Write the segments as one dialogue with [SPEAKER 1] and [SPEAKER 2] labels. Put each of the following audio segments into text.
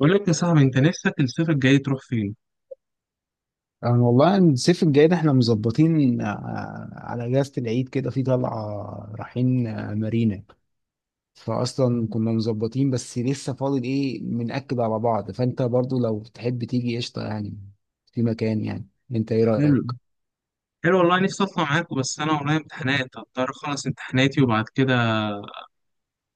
[SPEAKER 1] بقول لك يا صاحبي، انت نفسك الصيف الجاي تروح فين؟
[SPEAKER 2] أنا والله الصيف الجاي ده احنا مظبطين على اجازة العيد كده في طلعة رايحين مارينا فاصلا. كنا مظبطين بس لسه فاضل ايه، بنأكد على بعض، فانت برضو لو تحب تيجي قشطة يعني في مكان. يعني انت ايه
[SPEAKER 1] حلو.
[SPEAKER 2] رأيك؟
[SPEAKER 1] حلو والله، نفسي اطلع معاك بس انا ورايا امتحانات، هضطر اخلص امتحاناتي وبعد كده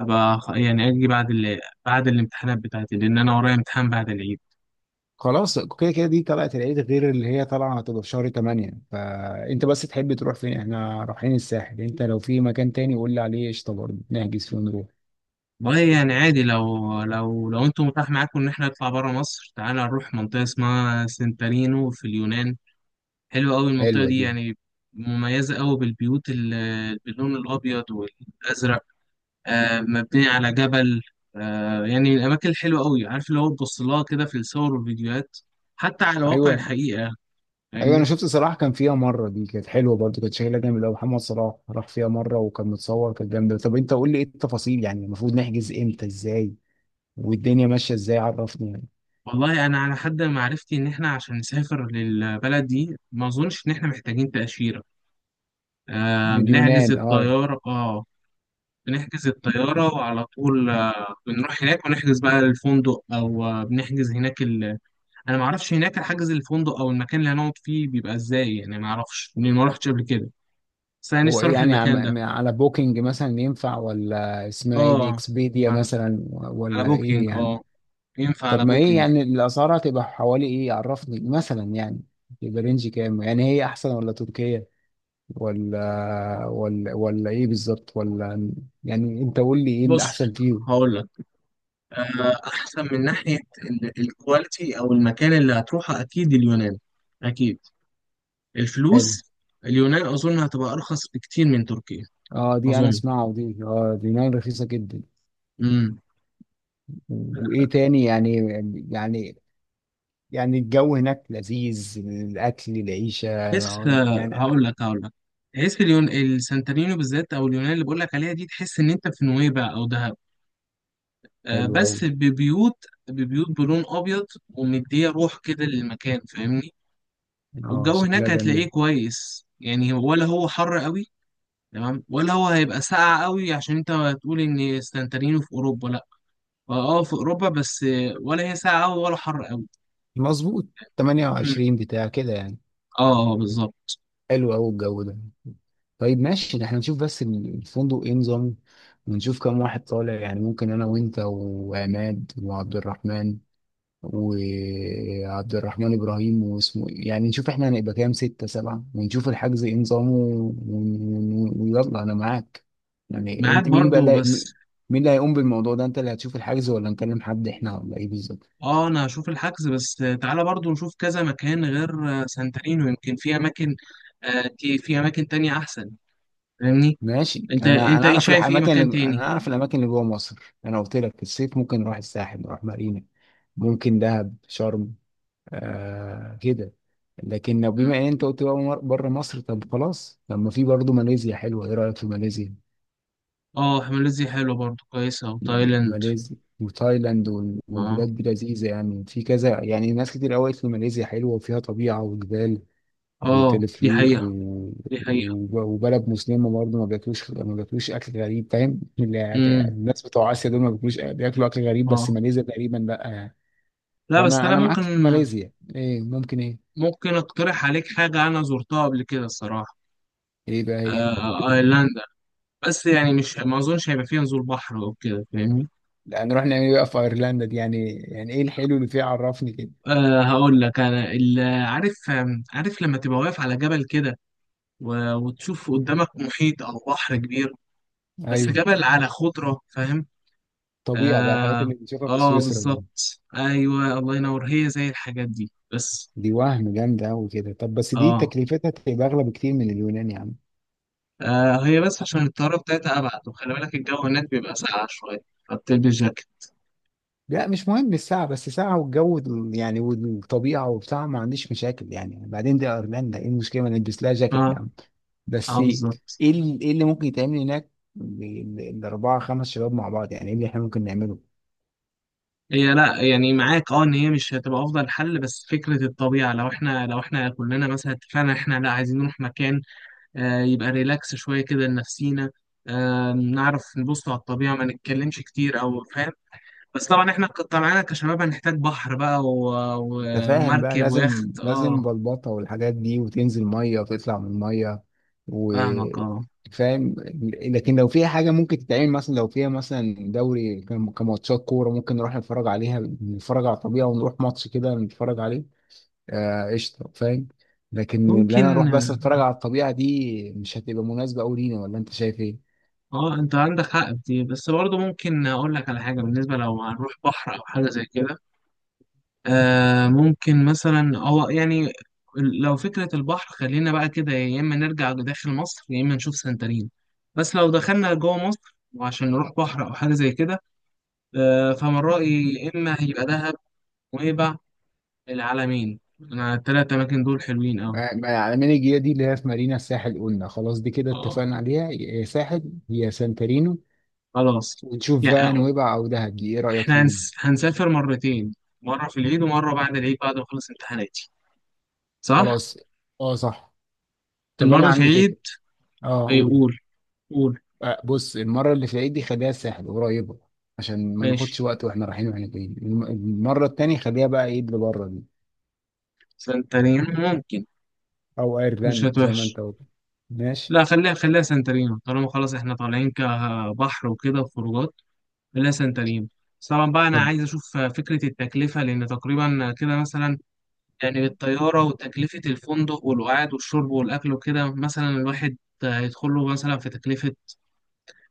[SPEAKER 1] ابقى اجي بعد بعد الامتحانات بتاعتي، لان انا ورايا امتحان بعد العيد.
[SPEAKER 2] خلاص، كده كده دي طلعة العيد غير اللي هي طالعة، هتبقى في شهر 8. فانت بس تحب تروح فين؟ احنا رايحين الساحل، انت لو في مكان تاني قول لي عليه قشطة، برضو نحجز فيه ونروح.
[SPEAKER 1] والله يعني عادي، لو انتم متاح معاكم ان احنا نطلع بره مصر، تعالى نروح منطقه اسمها سنتارينو في اليونان. حلوه قوي المنطقه
[SPEAKER 2] حلوة
[SPEAKER 1] دي
[SPEAKER 2] دي.
[SPEAKER 1] يعني، مميزه قوي بالبيوت باللون الابيض والازرق. مبنية على جبل. يعني الأماكن الحلوة أوي، عارف اللي هو تبص لها كده في الصور والفيديوهات، حتى على واقع
[SPEAKER 2] ايوه.
[SPEAKER 1] الحقيقة.
[SPEAKER 2] ايوه، انا
[SPEAKER 1] فاهمني؟
[SPEAKER 2] شفت صلاح كان فيها مره، دي كانت حلوه برضه، كانت شكلها جامد قوي. محمد صلاح راح فيها مره وكان متصور، كانت جامده. طب انت قول لي ايه التفاصيل، يعني المفروض نحجز امتى، ازاي والدنيا ماشيه ازاي، عرفني يعني.
[SPEAKER 1] والله أنا على حد معرفتي إن إحنا عشان نسافر للبلد دي ما أظنش إن إحنا محتاجين تأشيرة. بنحجز
[SPEAKER 2] لليونان، اه.
[SPEAKER 1] الطيارة. آه، بنحجز الطيارة وعلى طول بنروح هناك ونحجز بقى الفندق، أو بنحجز هناك أنا معرفش هناك حجز الفندق أو المكان اللي هنقعد فيه بيبقى إزاي، يعني معرفش، ما روحتش قبل كده. بس أنا
[SPEAKER 2] هو
[SPEAKER 1] نفسي
[SPEAKER 2] ايه
[SPEAKER 1] أروح
[SPEAKER 2] يعني،
[SPEAKER 1] المكان ده.
[SPEAKER 2] على بوكينج مثلا ينفع، ولا اسمها ايه دي،
[SPEAKER 1] اه.
[SPEAKER 2] اكسبيديا
[SPEAKER 1] على.
[SPEAKER 2] مثلا،
[SPEAKER 1] على
[SPEAKER 2] ولا ايه
[SPEAKER 1] بوكينج
[SPEAKER 2] يعني؟
[SPEAKER 1] اه. ينفع
[SPEAKER 2] طب
[SPEAKER 1] على
[SPEAKER 2] ما ايه
[SPEAKER 1] بوكينج.
[SPEAKER 2] يعني الاسعار هتبقى حوالي ايه، عرفني مثلا يعني. يبقى رينج كام، يعني هي احسن ولا تركيا، ولا ولا ايه بالظبط، ولا؟ يعني انت قول لي ايه
[SPEAKER 1] بص،
[SPEAKER 2] الاحسن فيه.
[SPEAKER 1] هقول لك. احسن من ناحيه الكواليتي او المكان اللي هتروحه، اكيد اليونان. اكيد.
[SPEAKER 2] حلو.
[SPEAKER 1] الفلوس. اليونان اظن هتبقى ارخص بكتير من تركيا.
[SPEAKER 2] اه دي انا
[SPEAKER 1] اظن.
[SPEAKER 2] اسمعها، ودي اه دي نار، رخيصه جدا.
[SPEAKER 1] امم
[SPEAKER 2] وايه تاني يعني، يعني يعني الجو هناك لذيذ، الاكل، العيشه،
[SPEAKER 1] بس
[SPEAKER 2] يعني انا.
[SPEAKER 1] هقول لك، تحس اليون السانتورينو بالذات، او اليونان اللي بقول لك عليها دي، تحس ان انت في نويبع او دهب.
[SPEAKER 2] حلو قوي.
[SPEAKER 1] بس ببيوت، ببيوت بلون ابيض، ومديه روح كده للمكان. فاهمني؟
[SPEAKER 2] اه
[SPEAKER 1] والجو
[SPEAKER 2] شكلها
[SPEAKER 1] هناك
[SPEAKER 2] جميل.
[SPEAKER 1] هتلاقيه كويس يعني، ولا هو حر قوي؟ تمام، ولا هو هيبقى ساقع قوي؟ عشان انت هتقول ان سانتارينو في اوروبا، لا اه في اوروبا، بس ولا هي ساقعه قوي ولا حر قوي.
[SPEAKER 2] مظبوط، 28 بتاع كده يعني.
[SPEAKER 1] اه اه، بالظبط.
[SPEAKER 2] حلو قوي الجو ده. طيب ماشي، احنا نشوف بس الفندق ايه نظام ونشوف كم واحد طالع. يعني ممكن انا وانت وعماد وعبد الرحمن، وعبد الرحمن ابراهيم واسمه إيه، يعني نشوف احنا هنبقى كام، ستة سبعة، ونشوف الحجز ايه نظامه ويلا انا معاك. يعني
[SPEAKER 1] معاك
[SPEAKER 2] انت مين بقى
[SPEAKER 1] برضو بس.
[SPEAKER 2] مين اللي هيقوم بالموضوع ده، انت اللي هتشوف الحجز ولا نكلم حد احنا، ولا ايه بالظبط؟
[SPEAKER 1] اه انا هشوف الحجز، بس تعالى برضو نشوف كذا مكان غير سانتارينو، يمكن في اماكن في اماكن تانية احسن. فاهمني؟
[SPEAKER 2] ماشي.
[SPEAKER 1] انت
[SPEAKER 2] انا
[SPEAKER 1] انت
[SPEAKER 2] انا
[SPEAKER 1] ايه
[SPEAKER 2] اعرف
[SPEAKER 1] شايف، ايه
[SPEAKER 2] الاماكن، اللي
[SPEAKER 1] مكان
[SPEAKER 2] انا
[SPEAKER 1] تاني؟
[SPEAKER 2] اعرف الاماكن اللي جوه مصر، انا قلت لك في الصيف ممكن نروح الساحل، نروح مارينا، ممكن دهب، شرم، آه كده. لكن لو
[SPEAKER 1] مم.
[SPEAKER 2] بما ان انت قلت بقى بره مصر، طب خلاص، طب ما في برضه ماليزيا حلوه، ايه رايك في ماليزيا؟
[SPEAKER 1] اه، ماليزيا حلوة برضو، كويسة، وتايلاند.
[SPEAKER 2] ماليزيا وتايلاند
[SPEAKER 1] اه.
[SPEAKER 2] والبلاد دي لذيذه يعني، في كذا، يعني ناس كتير قوي قالت لي ماليزيا حلوه وفيها طبيعه وجبال
[SPEAKER 1] اه
[SPEAKER 2] ويتلف
[SPEAKER 1] دي
[SPEAKER 2] ليك و...
[SPEAKER 1] حقيقة. دي حقيقة.
[SPEAKER 2] وبلد مسلمة برضه، ما بياكلوش أكل غريب، فاهم؟
[SPEAKER 1] امم.
[SPEAKER 2] الناس بتوع آسيا دول ما بياكلوش، بياكلوا أكل غريب، بس
[SPEAKER 1] اه
[SPEAKER 2] ماليزيا تقريبا لأ يعني.
[SPEAKER 1] لا، بس
[SPEAKER 2] فأنا
[SPEAKER 1] انا
[SPEAKER 2] أنا
[SPEAKER 1] ممكن
[SPEAKER 2] معاك في ماليزيا. إيه ممكن إيه؟
[SPEAKER 1] ممكن اقترح عليك حاجه انا زرتها قبل كده الصراحه.
[SPEAKER 2] إيه بقى هي؟
[SPEAKER 1] آه، ايرلندا. بس يعني مش، ما اظنش هيبقى فيها نزول بحر او كده. فاهمني؟
[SPEAKER 2] لا نروح نعمل إيه بقى في أيرلندا دي؟ يعني يعني إيه الحلو اللي فيها، عرفني كده.
[SPEAKER 1] آه هقول لك عارف، عارف لما تبقى واقف على جبل كده وتشوف قدامك محيط او بحر كبير، بس
[SPEAKER 2] أيوه.
[SPEAKER 1] جبل على خضره. فاهم؟
[SPEAKER 2] طبيعة بقى، الحاجات
[SPEAKER 1] اه
[SPEAKER 2] اللي بنشوفها في
[SPEAKER 1] اه
[SPEAKER 2] سويسرا دي
[SPEAKER 1] بالظبط، ايوه الله ينور، هي زي الحاجات دي بس.
[SPEAKER 2] دي وهم جامدة أوي كده. طب بس دي
[SPEAKER 1] اه.
[SPEAKER 2] تكلفتها تبقى أغلى بكتير من اليونان يا عم.
[SPEAKER 1] آه هي بس عشان الطيارة بتاعتها أبعد، وخلي بالك الجو هناك بيبقى ساقع شوية، فبتلبس جاكيت.
[SPEAKER 2] لا مش مهم الساعة، بس ساعة والجو يعني والطبيعة وبتاع، ما عنديش مشاكل يعني. بعدين دي أيرلندا، إيه المشكلة ما نلبس لها جاكيت
[SPEAKER 1] اه.
[SPEAKER 2] يعني؟ بس
[SPEAKER 1] اه
[SPEAKER 2] إيه
[SPEAKER 1] بالظبط.
[SPEAKER 2] إيه اللي ممكن يتعمل هناك، الأربعة خمس شباب مع بعض، يعني إيه اللي إحنا ممكن نعمله؟
[SPEAKER 1] هي لا يعني معاك اه، ان هي مش هتبقى افضل حل، بس فكره الطبيعه لو احنا، كلنا مثلا اتفقنا احنا لا، عايزين نروح مكان، يبقى ريلاكس شويه كده لنفسينا، نعرف نبص على الطبيعه، ما نتكلمش كتير او فاهم. بس طبعا احنا طبعا كشباب هنحتاج بحر بقى و...
[SPEAKER 2] أنت فاهم بقى،
[SPEAKER 1] ومركب
[SPEAKER 2] لازم
[SPEAKER 1] ويخت،
[SPEAKER 2] لازم
[SPEAKER 1] اه.
[SPEAKER 2] بلبطة والحاجات دي، وتنزل مية وتطلع من المية، و
[SPEAKER 1] فاهمك اه.
[SPEAKER 2] فاهم. لكن لو فيها حاجة ممكن تتعمل مثلا، لو فيها مثلا دوري كماتشات كورة، ممكن نروح نتفرج عليها، نتفرج على الطبيعة، ونروح ماتش كده نتفرج عليه، قشطه، فاهم. لكن اللي انا اروح
[SPEAKER 1] ممكن.
[SPEAKER 2] بس اتفرج على الطبيعه دي، مش هتبقى مناسبه قوي لينا، ولا انت شايف ايه؟
[SPEAKER 1] اه انت عندك حق في دي، بس برضه ممكن اقول لك على حاجه بالنسبه لو هنروح بحر او حاجه زي كده. ممكن مثلا هو يعني، لو فكره البحر خلينا بقى كده، يا اما نرجع داخل مصر يا اما نشوف سنترين. بس لو دخلنا جوه مصر وعشان نروح بحر او حاجه زي كده، فمن رايي يا اما هيبقى دهب ونويبع العلمين، انا التلات اماكن دول حلوين قوي.
[SPEAKER 2] يعني من الجيه دي اللي هي في مارينا الساحل، قلنا خلاص دي كده
[SPEAKER 1] اه.
[SPEAKER 2] اتفقنا عليها، يا ساحل يا سانتارينو.
[SPEAKER 1] خلاص.
[SPEAKER 2] ونشوف
[SPEAKER 1] يعني
[SPEAKER 2] بقى نويبع او دهب، دي ايه رايك
[SPEAKER 1] احنا
[SPEAKER 2] فيهم؟
[SPEAKER 1] هنسافر مرتين، مره في العيد ومره بعد العيد بعد ما اخلص امتحاناتي. صح؟
[SPEAKER 2] خلاص. اه صح. طب انا
[SPEAKER 1] المرة في
[SPEAKER 2] عندي
[SPEAKER 1] عيد.
[SPEAKER 2] فكره. اه
[SPEAKER 1] إيه،
[SPEAKER 2] قول.
[SPEAKER 1] قول. قول.
[SPEAKER 2] آه بص، المره اللي في العيد دي خليها الساحل قريبه، عشان ما
[SPEAKER 1] ماشي.
[SPEAKER 2] ناخدش وقت واحنا رايحين واحنا جايين. المره التانيه خليها بقى ايه اللي بره دي،
[SPEAKER 1] سانتارينو. ممكن.
[SPEAKER 2] او
[SPEAKER 1] مش
[SPEAKER 2] ايرلاند زي ما
[SPEAKER 1] هتوحش.
[SPEAKER 2] انت قلت. ماشي.
[SPEAKER 1] لا خليها، خليها سانتارينو، طالما خلاص احنا طالعين كبحر وكده وخروجات، خليها سانتارينو. بس طبعا بقى انا
[SPEAKER 2] طب
[SPEAKER 1] عايز اشوف فكرة التكلفة، لان تقريبا كده مثلا، يعني بالطيارة وتكلفة الفندق والقعد والشرب والاكل وكده، مثلا الواحد هيدخل له مثلا في تكلفة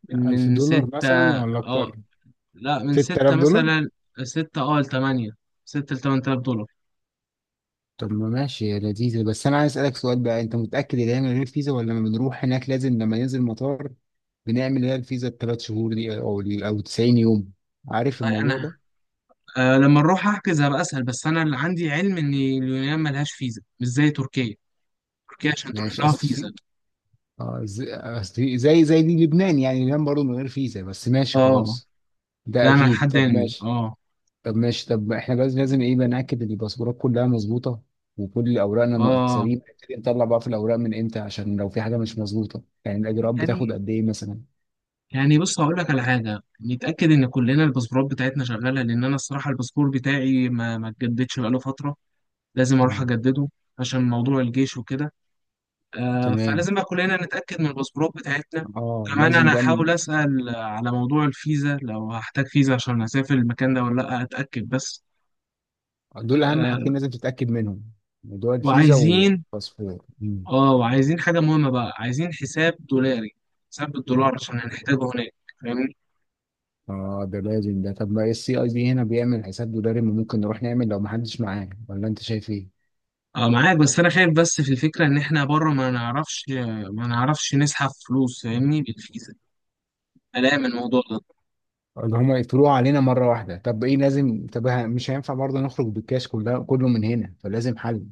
[SPEAKER 1] من
[SPEAKER 2] ألف
[SPEAKER 1] من
[SPEAKER 2] دولار
[SPEAKER 1] ستة.
[SPEAKER 2] مثلا ولا
[SPEAKER 1] اه
[SPEAKER 2] أكتر؟
[SPEAKER 1] لا من
[SPEAKER 2] ستة آلاف
[SPEAKER 1] ستة
[SPEAKER 2] دولار؟
[SPEAKER 1] مثلا، ستة اه لتمانية، ستة لتمن تلاف دولار.
[SPEAKER 2] طب ما ماشي يا لذيذة، بس أنا عايز أسألك سؤال بقى، أنت متأكد إن هي من غير فيزا، ولا لما بنروح هناك لازم لما ننزل المطار بنعمل اللي هي الفيزا التلات شهور دي، أو 90 يوم، عارف الموضوع
[SPEAKER 1] انا،
[SPEAKER 2] ده؟
[SPEAKER 1] أه لما نروح احجز هبقى اسال، بس انا اللي عندي علم ان اليونان ملهاش فيزا مش زي تركيا. تركيا عشان تروح
[SPEAKER 2] ماشي
[SPEAKER 1] لها
[SPEAKER 2] أصل في
[SPEAKER 1] فيزا.
[SPEAKER 2] آه، زي أصل زي دي لبنان، يعني لبنان برضه من غير فيزا، بس ماشي
[SPEAKER 1] اه.
[SPEAKER 2] خلاص. ده
[SPEAKER 1] لا انا
[SPEAKER 2] أكيد،
[SPEAKER 1] لحد
[SPEAKER 2] طب
[SPEAKER 1] علمي
[SPEAKER 2] ماشي.
[SPEAKER 1] اه.
[SPEAKER 2] طب احنا بس لازم ايه بقى، ناكد ان الباسبورات كلها مظبوطه، وكل اوراقنا
[SPEAKER 1] اه
[SPEAKER 2] مقصرين نبتدي نطلع بقى في الاوراق من امتى، عشان لو في حاجه مش مظبوطه، يعني الاجراءات بتاخد
[SPEAKER 1] يعني.
[SPEAKER 2] قد ايه مثلا؟
[SPEAKER 1] يعني بص هقول لك على حاجه. نتاكد ان كلنا الباسبورات بتاعتنا شغاله، لان انا الصراحه الباسبور بتاعي ما اتجددش بقاله فتره. لازم اروح
[SPEAKER 2] مم.
[SPEAKER 1] اجدده عشان موضوع الجيش وكده.
[SPEAKER 2] تمام.
[SPEAKER 1] فلازم بقى كلنا نتاكد من الباسبورات بتاعتنا.
[SPEAKER 2] اه
[SPEAKER 1] كمان
[SPEAKER 2] لازم
[SPEAKER 1] انا
[SPEAKER 2] بقى
[SPEAKER 1] هحاول اسال على موضوع الفيزا لو هحتاج فيزا عشان اسافر المكان ده ولا لا، اتاكد بس.
[SPEAKER 2] دول اهم حاجتين
[SPEAKER 1] آه.
[SPEAKER 2] لازم تتاكد منهم، موضوع الفيزا
[SPEAKER 1] وعايزين،
[SPEAKER 2] والباسبور. مم.
[SPEAKER 1] اه وعايزين حاجة مهمة بقى، عايزين حساب دولاري، حساب بالدولار عشان هنحتاجه هناك. فاهمني؟
[SPEAKER 2] اه ده لازم ده. طب ما السي اي بي هنا بيعمل حساب دولاري، ما ممكن نروح نعمل لو ما حدش معاه، ولا انت شايف ايه
[SPEAKER 1] اه معاك، بس انا خايف بس في الفكرة ان احنا بره ما نعرفش، ما نعرفش نسحب فلوس. فاهمني؟ بالفيزا. قلقان من الموضوع ده.
[SPEAKER 2] اللي هما يقفلوها علينا مره واحده؟ طب ايه لازم، طب مش هينفع برضه نخرج بالكاش كلها، كله من هنا، فلازم حل.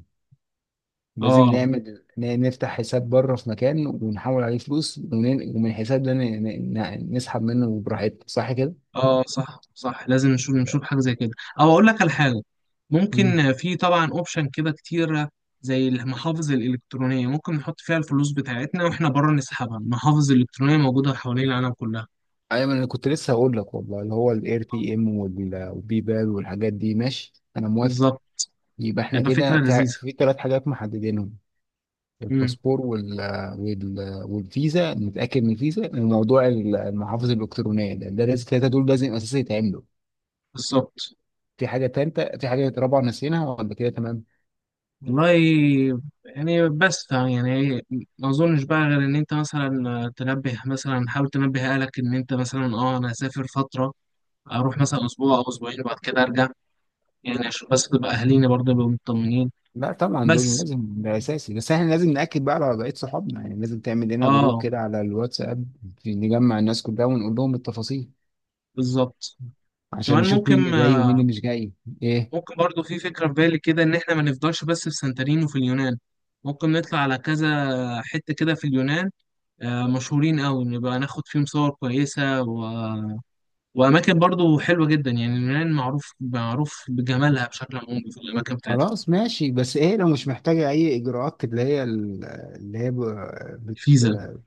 [SPEAKER 2] لازم
[SPEAKER 1] اه
[SPEAKER 2] نعمل نفتح حساب بره في مكان، ونحول عليه فلوس، ومن الحساب ده نسحب منه براحتنا، صح كده؟
[SPEAKER 1] اه صح، صح لازم نشوف، نشوف حاجة زي كده. او اقول لك على حاجة،
[SPEAKER 2] مم.
[SPEAKER 1] ممكن في طبعا اوبشن كده كتير، زي المحافظ الالكترونية ممكن نحط فيها الفلوس بتاعتنا واحنا بره نسحبها، المحافظ الالكترونية موجودة حوالين العالم كلها.
[SPEAKER 2] ايوه، ما انا كنت لسه هقول لك والله اللي هو الاير تي ام والبي بال والحاجات دي، ماشي انا موافق.
[SPEAKER 1] بالظبط.
[SPEAKER 2] يبقى احنا
[SPEAKER 1] هيبقى فكرة
[SPEAKER 2] كده
[SPEAKER 1] لذيذة.
[SPEAKER 2] في ثلاث حاجات محددينهم،
[SPEAKER 1] امم.
[SPEAKER 2] الباسبور وال والفيزا، نتاكد من الفيزا، وموضوع المحافظ الالكترونيه، ده لازم الثلاثه دول لازم اساسي يتعملوا.
[SPEAKER 1] بالظبط.
[SPEAKER 2] في حاجه ثالثه، في حاجه رابعه، نسيناها ولا كده تمام؟
[SPEAKER 1] والله يعني، بس يعني ما اظنش بقى غير ان انت مثلا تنبه، مثلا حاول تنبه اهلك ان انت مثلا، اه انا هسافر فتره، اروح مثلا اسبوع او اسبوعين وبعد كده ارجع، يعني عشان بس تبقى اهالينا برضه يبقوا مطمنين.
[SPEAKER 2] لا طبعا دول
[SPEAKER 1] بس.
[SPEAKER 2] لازم، ده اساسي، بس احنا لازم ناكد بقى على وضعيه صحابنا، يعني لازم تعمل لنا جروب
[SPEAKER 1] اه
[SPEAKER 2] كده على الواتساب، نجمع الناس كلها ونقول لهم التفاصيل،
[SPEAKER 1] بالظبط.
[SPEAKER 2] عشان
[SPEAKER 1] كمان
[SPEAKER 2] نشوف
[SPEAKER 1] ممكن،
[SPEAKER 2] مين اللي جاي ومين اللي مش جاي. ايه؟
[SPEAKER 1] ممكن برضه في فكره في بالي كده ان احنا ما نفضلش بس في سانتوريني وفي اليونان، ممكن نطلع على كذا حته كده في اليونان مشهورين قوي، نبقى ناخد فيهم صور كويسة وأماكن برضو حلوة جدا. يعني اليونان معروف، معروف بجمالها بشكل عمومي في الأماكن بتاعتها.
[SPEAKER 2] خلاص ماشي، بس ايه لو مش محتاجه اي اجراءات، اللي هي اللي هي
[SPEAKER 1] الفيزا.
[SPEAKER 2] بت-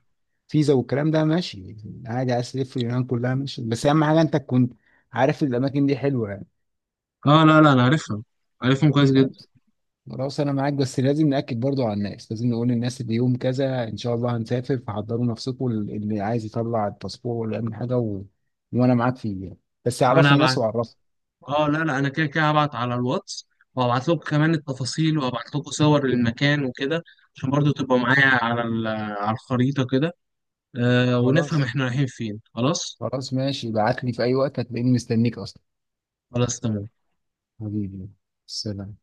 [SPEAKER 2] فيزا والكلام ده، ماشي عادي، عايز تلف اليونان كلها ماشي، بس اهم حاجه انت تكون عارف الاماكن دي حلوه يعني.
[SPEAKER 1] اه لا لا أنا عارفها، عارفهم كويس جدا.
[SPEAKER 2] خلاص. خلاص انا معاك، بس لازم ناكد برضو على الناس، لازم نقول للناس ان يوم كذا ان شاء الله هنسافر، فحضروا نفسكم اللي عايز يطلع الباسبور ولا يعمل حاجه و... وانا معاك فيه يعني. بس اعرف
[SPEAKER 1] أنا
[SPEAKER 2] الناس
[SPEAKER 1] هبعت.
[SPEAKER 2] واعرفها.
[SPEAKER 1] اه لا لا، أنا كده كده هبعت على الواتس، وهبعت لكم كمان التفاصيل، وهبعت لكم صور للمكان وكده، عشان برضو تبقى معايا على على الخريطة كده. آه ونفهم
[SPEAKER 2] خلاص.
[SPEAKER 1] احنا رايحين فين. خلاص.
[SPEAKER 2] خلاص ماشي، ابعت لي في اي وقت هتلاقيني مستنيك اصلا.
[SPEAKER 1] خلاص. تمام.
[SPEAKER 2] حبيبي، سلام.